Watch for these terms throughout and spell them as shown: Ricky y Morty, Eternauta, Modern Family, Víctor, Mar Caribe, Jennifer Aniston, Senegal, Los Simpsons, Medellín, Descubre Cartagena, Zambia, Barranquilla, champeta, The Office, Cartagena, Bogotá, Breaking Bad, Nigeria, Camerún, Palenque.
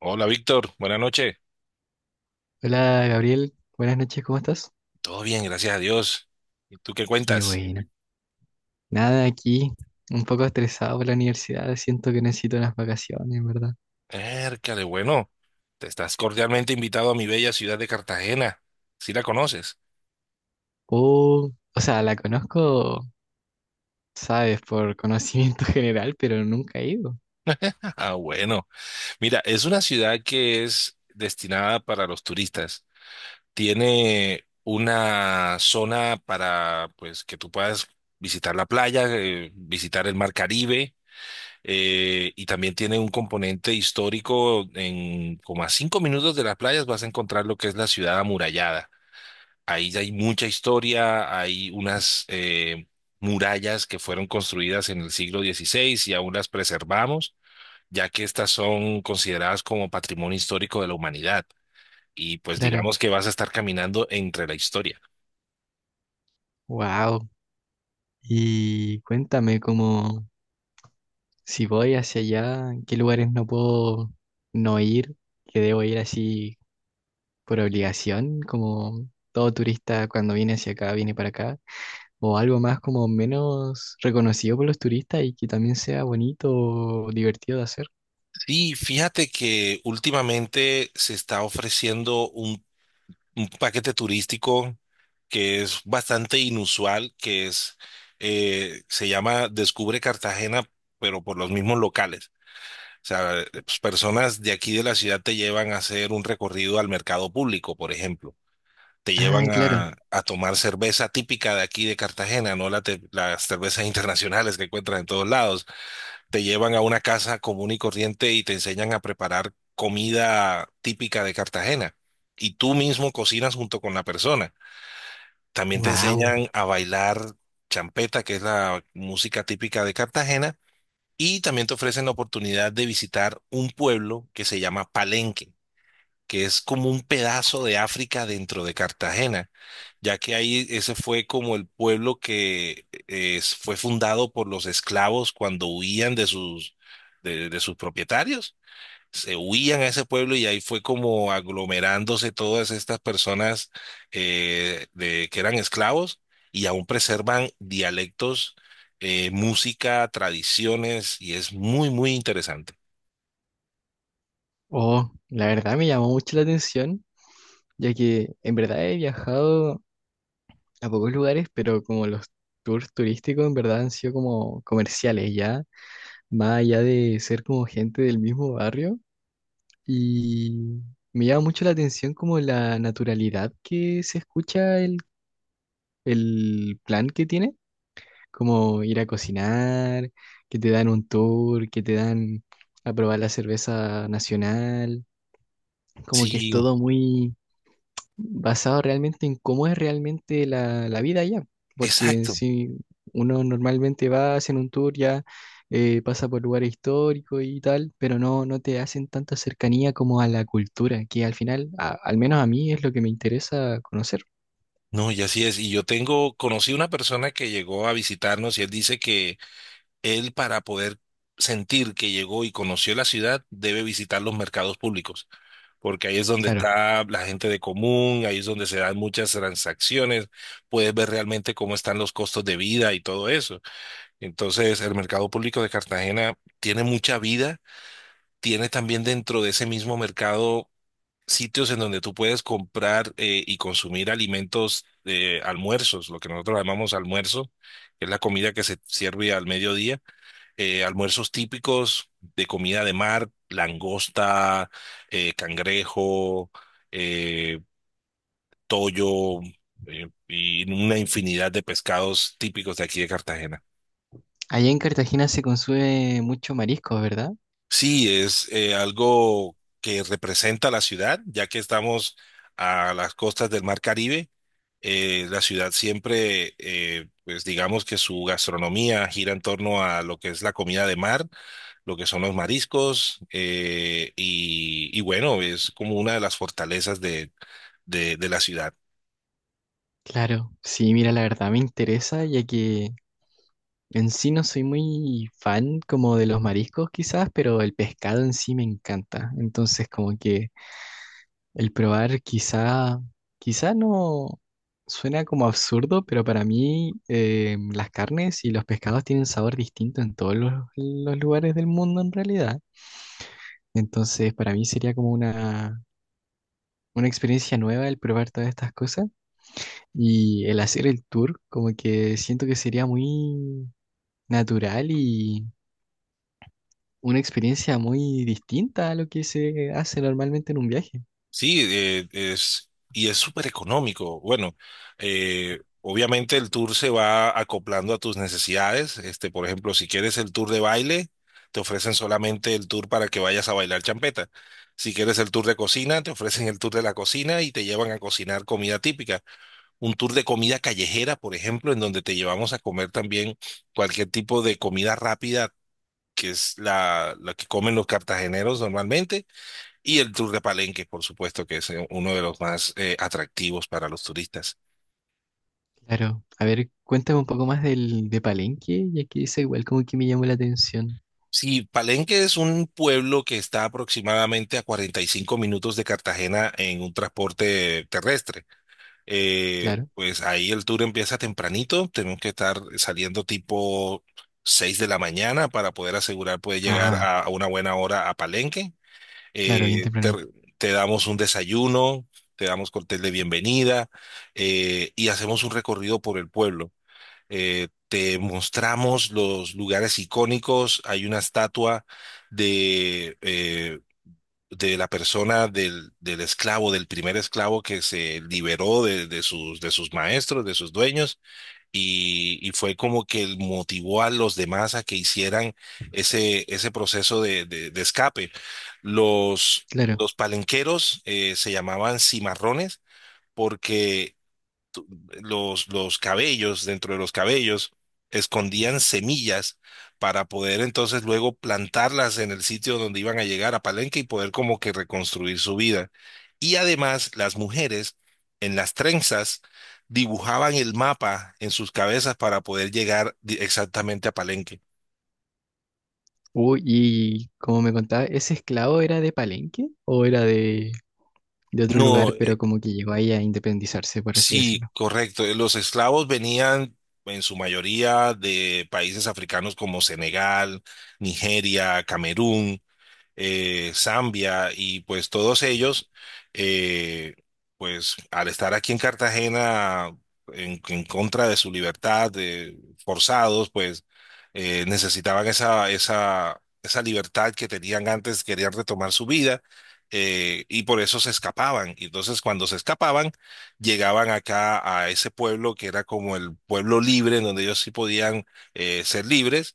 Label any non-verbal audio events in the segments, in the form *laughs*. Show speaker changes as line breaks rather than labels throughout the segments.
Hola Víctor, buenas noches.
Hola Gabriel, buenas noches, ¿cómo estás?
Todo bien, gracias a Dios. ¿Y tú qué
Qué
cuentas?
bueno. Nada, aquí un poco estresado por la universidad, siento que necesito unas vacaciones, ¿en verdad?
Ércale, bueno, te estás cordialmente invitado a mi bella ciudad de Cartagena. ¿Sí la conoces?
La conozco, sabes, por conocimiento *laughs* general, pero nunca he ido.
*laughs* Ah, bueno. Mira, es una ciudad que es destinada para los turistas. Tiene una zona para, pues, que tú puedas visitar la playa, visitar el mar Caribe. Y también tiene un componente histórico. En como a 5 minutos de las playas vas a encontrar lo que es la ciudad amurallada. Ahí ya hay mucha historia, hay unas murallas que fueron construidas en el siglo XVI y aún las preservamos, ya que estas son consideradas como patrimonio histórico de la humanidad. Y pues
Claro.
digamos que vas a estar caminando entre la historia.
Wow. Y cuéntame cómo, si voy hacia allá, ¿en ¿qué lugares no puedo no ir? Que debo ir así por obligación, como todo turista cuando viene hacia acá, viene para acá. O algo más como menos reconocido por los turistas y que también sea bonito o divertido de hacer.
Sí, fíjate que últimamente se está ofreciendo un paquete turístico que es bastante inusual, que es, se llama Descubre Cartagena, pero por los mismos locales. O sea, pues, personas de aquí de la ciudad te llevan a hacer un recorrido al mercado público, por ejemplo. Te
Ah,
llevan
claro.
a tomar cerveza típica de aquí de Cartagena, no la las cervezas internacionales que encuentras en todos lados. Te llevan a una casa común y corriente y te enseñan a preparar comida típica de Cartagena. Y tú mismo cocinas junto con la persona. También te
Wow.
enseñan a bailar champeta, que es la música típica de Cartagena, y también te ofrecen la oportunidad de visitar un pueblo que se llama Palenque, que es como un pedazo de África dentro de Cartagena, ya que ahí ese fue como el pueblo que fue fundado por los esclavos cuando huían de sus, de sus propietarios, se huían a ese pueblo y ahí fue como aglomerándose todas estas personas que eran esclavos y aún preservan dialectos, música, tradiciones y es muy, muy interesante.
Oh, la verdad me llamó mucho la atención, ya que en verdad he viajado a pocos lugares, pero como los tours turísticos en verdad han sido como comerciales ya, más allá de ser como gente del mismo barrio. Y me llama mucho la atención como la naturalidad que se escucha el plan que tiene. Como ir a cocinar, que te dan un tour, que te dan a probar la cerveza nacional, como que es
Sí,
todo muy basado realmente en cómo es realmente la vida allá, porque
exacto.
si uno normalmente va, hacen un tour ya, pasa por lugares históricos y tal, pero no te hacen tanta cercanía como a la cultura, que al final, al menos a mí es lo que me interesa conocer,
No, y así es. Y yo tengo, conocí una persona que llegó a visitarnos y él dice que él para poder sentir que llegó y conoció la ciudad debe visitar los mercados públicos. Porque ahí es donde
claro.
está la gente de común, ahí es donde se dan muchas transacciones, puedes ver realmente cómo están los costos de vida y todo eso. Entonces, el mercado público de Cartagena tiene mucha vida, tiene también dentro de ese mismo mercado sitios en donde tú puedes comprar y consumir alimentos, almuerzos, lo que nosotros llamamos almuerzo, que es la comida que se sirve al mediodía, almuerzos típicos de comida de mar, langosta, cangrejo, eh, toyo, y una infinidad de pescados típicos de aquí de Cartagena.
Allá en Cartagena se consume mucho marisco, ¿verdad?
Sí, es algo que representa la ciudad, ya que estamos a las costas del Mar Caribe. La ciudad siempre, pues digamos que su gastronomía gira en torno a lo que es la comida de mar, lo que son los mariscos, y bueno, es como una de las fortalezas de, de la ciudad.
Claro, sí, mira, la verdad me interesa, ya que en sí no soy muy fan como de los mariscos quizás, pero el pescado en sí me encanta. Entonces como que el probar quizá no suena como absurdo, pero para mí las carnes y los pescados tienen sabor distinto en todos los lugares del mundo en realidad. Entonces para mí sería como una experiencia nueva el probar todas estas cosas y el hacer el tour, como que siento que sería muy natural y una experiencia muy distinta a lo que se hace normalmente en un viaje.
Sí, es, y es súper económico. Bueno, obviamente el tour se va acoplando a tus necesidades. Este, por ejemplo, si quieres el tour de baile, te ofrecen solamente el tour para que vayas a bailar champeta. Si quieres el tour de cocina, te ofrecen el tour de la cocina y te llevan a cocinar comida típica. Un tour de comida callejera, por ejemplo, en donde te llevamos a comer también cualquier tipo de comida rápida, que es la que comen los cartageneros normalmente, y el tour de Palenque, por supuesto, que es uno de los más atractivos para los turistas.
Claro, a ver, cuéntame un poco más del de Palenque, ya que es igual como que me llamó la atención.
Sí, Palenque es un pueblo que está aproximadamente a 45 minutos de Cartagena en un transporte terrestre.
Claro.
Pues ahí el tour empieza tempranito, tenemos que estar saliendo tipo 6 de la mañana para poder asegurar poder llegar
Ah,
a una buena hora a Palenque.
claro, bien
Eh, te,
tempranito.
te damos un desayuno, te damos cóctel de bienvenida, y hacemos un recorrido por el pueblo. Te mostramos los lugares icónicos, hay una estatua de... eh, de la persona del esclavo, del primer esclavo que se liberó de sus maestros, de sus dueños, y fue como que el motivó a los demás a que hicieran ese, ese proceso de, de escape. Los,
Claro.
los palenqueros se llamaban cimarrones porque los cabellos, dentro de los cabellos, escondían semillas para poder entonces luego plantarlas en el sitio donde iban a llegar a Palenque y poder como que reconstruir su vida. Y además las mujeres en las trenzas dibujaban el mapa en sus cabezas para poder llegar exactamente a Palenque.
Uy, y como me contaba, ¿ese esclavo era de Palenque o era de otro lugar,
No,
pero como que llegó ahí a independizarse, por así
sí,
decirlo?
correcto. Los esclavos venían en su mayoría de países africanos como Senegal, Nigeria, Camerún. Zambia y pues todos ellos, eh, pues al estar aquí en Cartagena en contra de su libertad, de- forzados, pues necesitaban esa, esa libertad que tenían antes, querían retomar su vida. Y por eso se escapaban. Y entonces cuando se escapaban, llegaban acá a ese pueblo que era como el pueblo libre, en donde ellos sí podían ser libres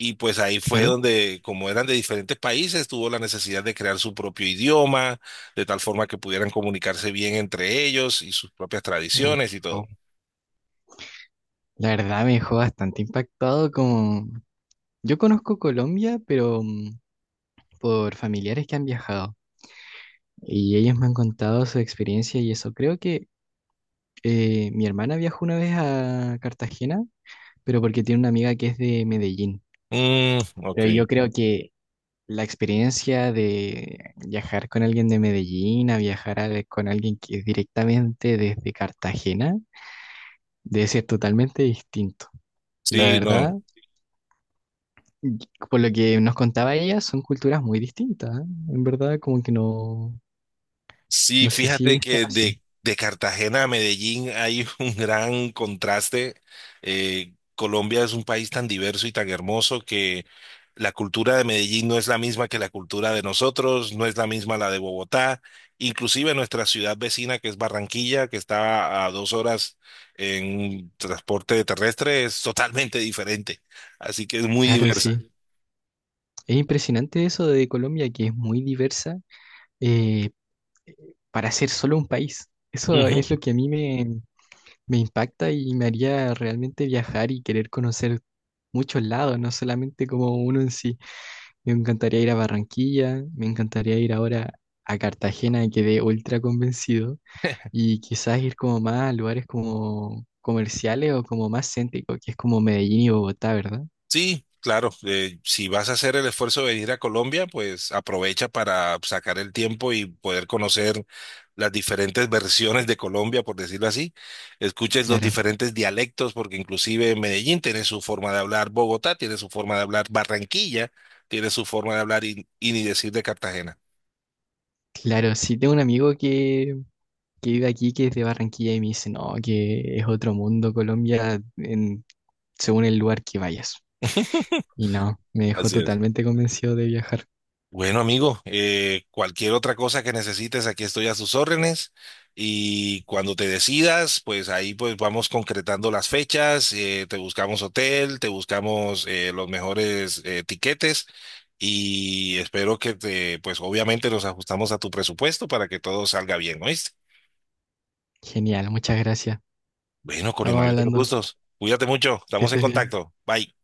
y pues ahí fue
Claro.
donde, como eran de diferentes países, tuvo la necesidad de crear su propio idioma, de tal forma que pudieran comunicarse bien entre ellos y sus propias
Oh,
tradiciones y todo.
wow. La verdad me dejó bastante impactado como… Yo conozco Colombia, pero por familiares que han viajado y ellos me han contado su experiencia y eso. Creo que mi hermana viajó una vez a Cartagena, pero porque tiene una amiga que es de Medellín.
Mm, ok.
Pero yo creo que la experiencia de viajar con alguien de Medellín a con alguien que es directamente desde Cartagena debe ser totalmente distinto. La
Sí,
verdad,
no.
y por lo que nos contaba ella, son culturas muy distintas, ¿eh? En verdad, como que no,
Sí,
no sé si
fíjate
están
que
así.
de Cartagena a Medellín hay *laughs* un gran contraste. Colombia es un país tan diverso y tan hermoso que la cultura de Medellín no es la misma que la cultura de nosotros, no es la misma la de Bogotá, inclusive nuestra ciudad vecina que es Barranquilla, que está a 2 horas en transporte terrestre, es totalmente diferente. Así que es muy
Claro,
diversa.
sí. Es impresionante eso de Colombia, que es muy diversa, eh, eh, para ser solo un país. Eso es lo que a me impacta y me haría realmente viajar y querer conocer muchos lados, no solamente como uno en sí. Me encantaría ir a Barranquilla, me encantaría ir ahora a Cartagena, quedé ultra convencido, y quizás ir como más a lugares como comerciales o como más céntricos, que es como Medellín y Bogotá, ¿verdad?
Sí, claro. Si vas a hacer el esfuerzo de venir a Colombia, pues aprovecha para sacar el tiempo y poder conocer las diferentes versiones de Colombia, por decirlo así. Escuches los
Claro,
diferentes dialectos, porque inclusive Medellín tiene su forma de hablar, Bogotá tiene su forma de hablar, Barranquilla tiene su forma de hablar y ni decir de Cartagena.
claro, sí tengo un amigo que vive aquí, que es de Barranquilla, y me dice, no, que es otro mundo Colombia según el lugar que vayas. Y no, me dejó
Así es.
totalmente convencido de viajar.
Bueno, amigo, cualquier otra cosa que necesites, aquí estoy a sus órdenes. Y cuando te decidas, pues ahí pues vamos concretando las fechas, te buscamos hotel, te buscamos los mejores tiquetes y espero que te, pues obviamente nos ajustamos a tu presupuesto para que todo salga bien, ¿oíste?
Genial, muchas gracias.
Bueno, con el
Estamos
mayor de los
hablando,
gustos. Cuídate mucho,
que
estamos en
estés bien.
contacto. Bye.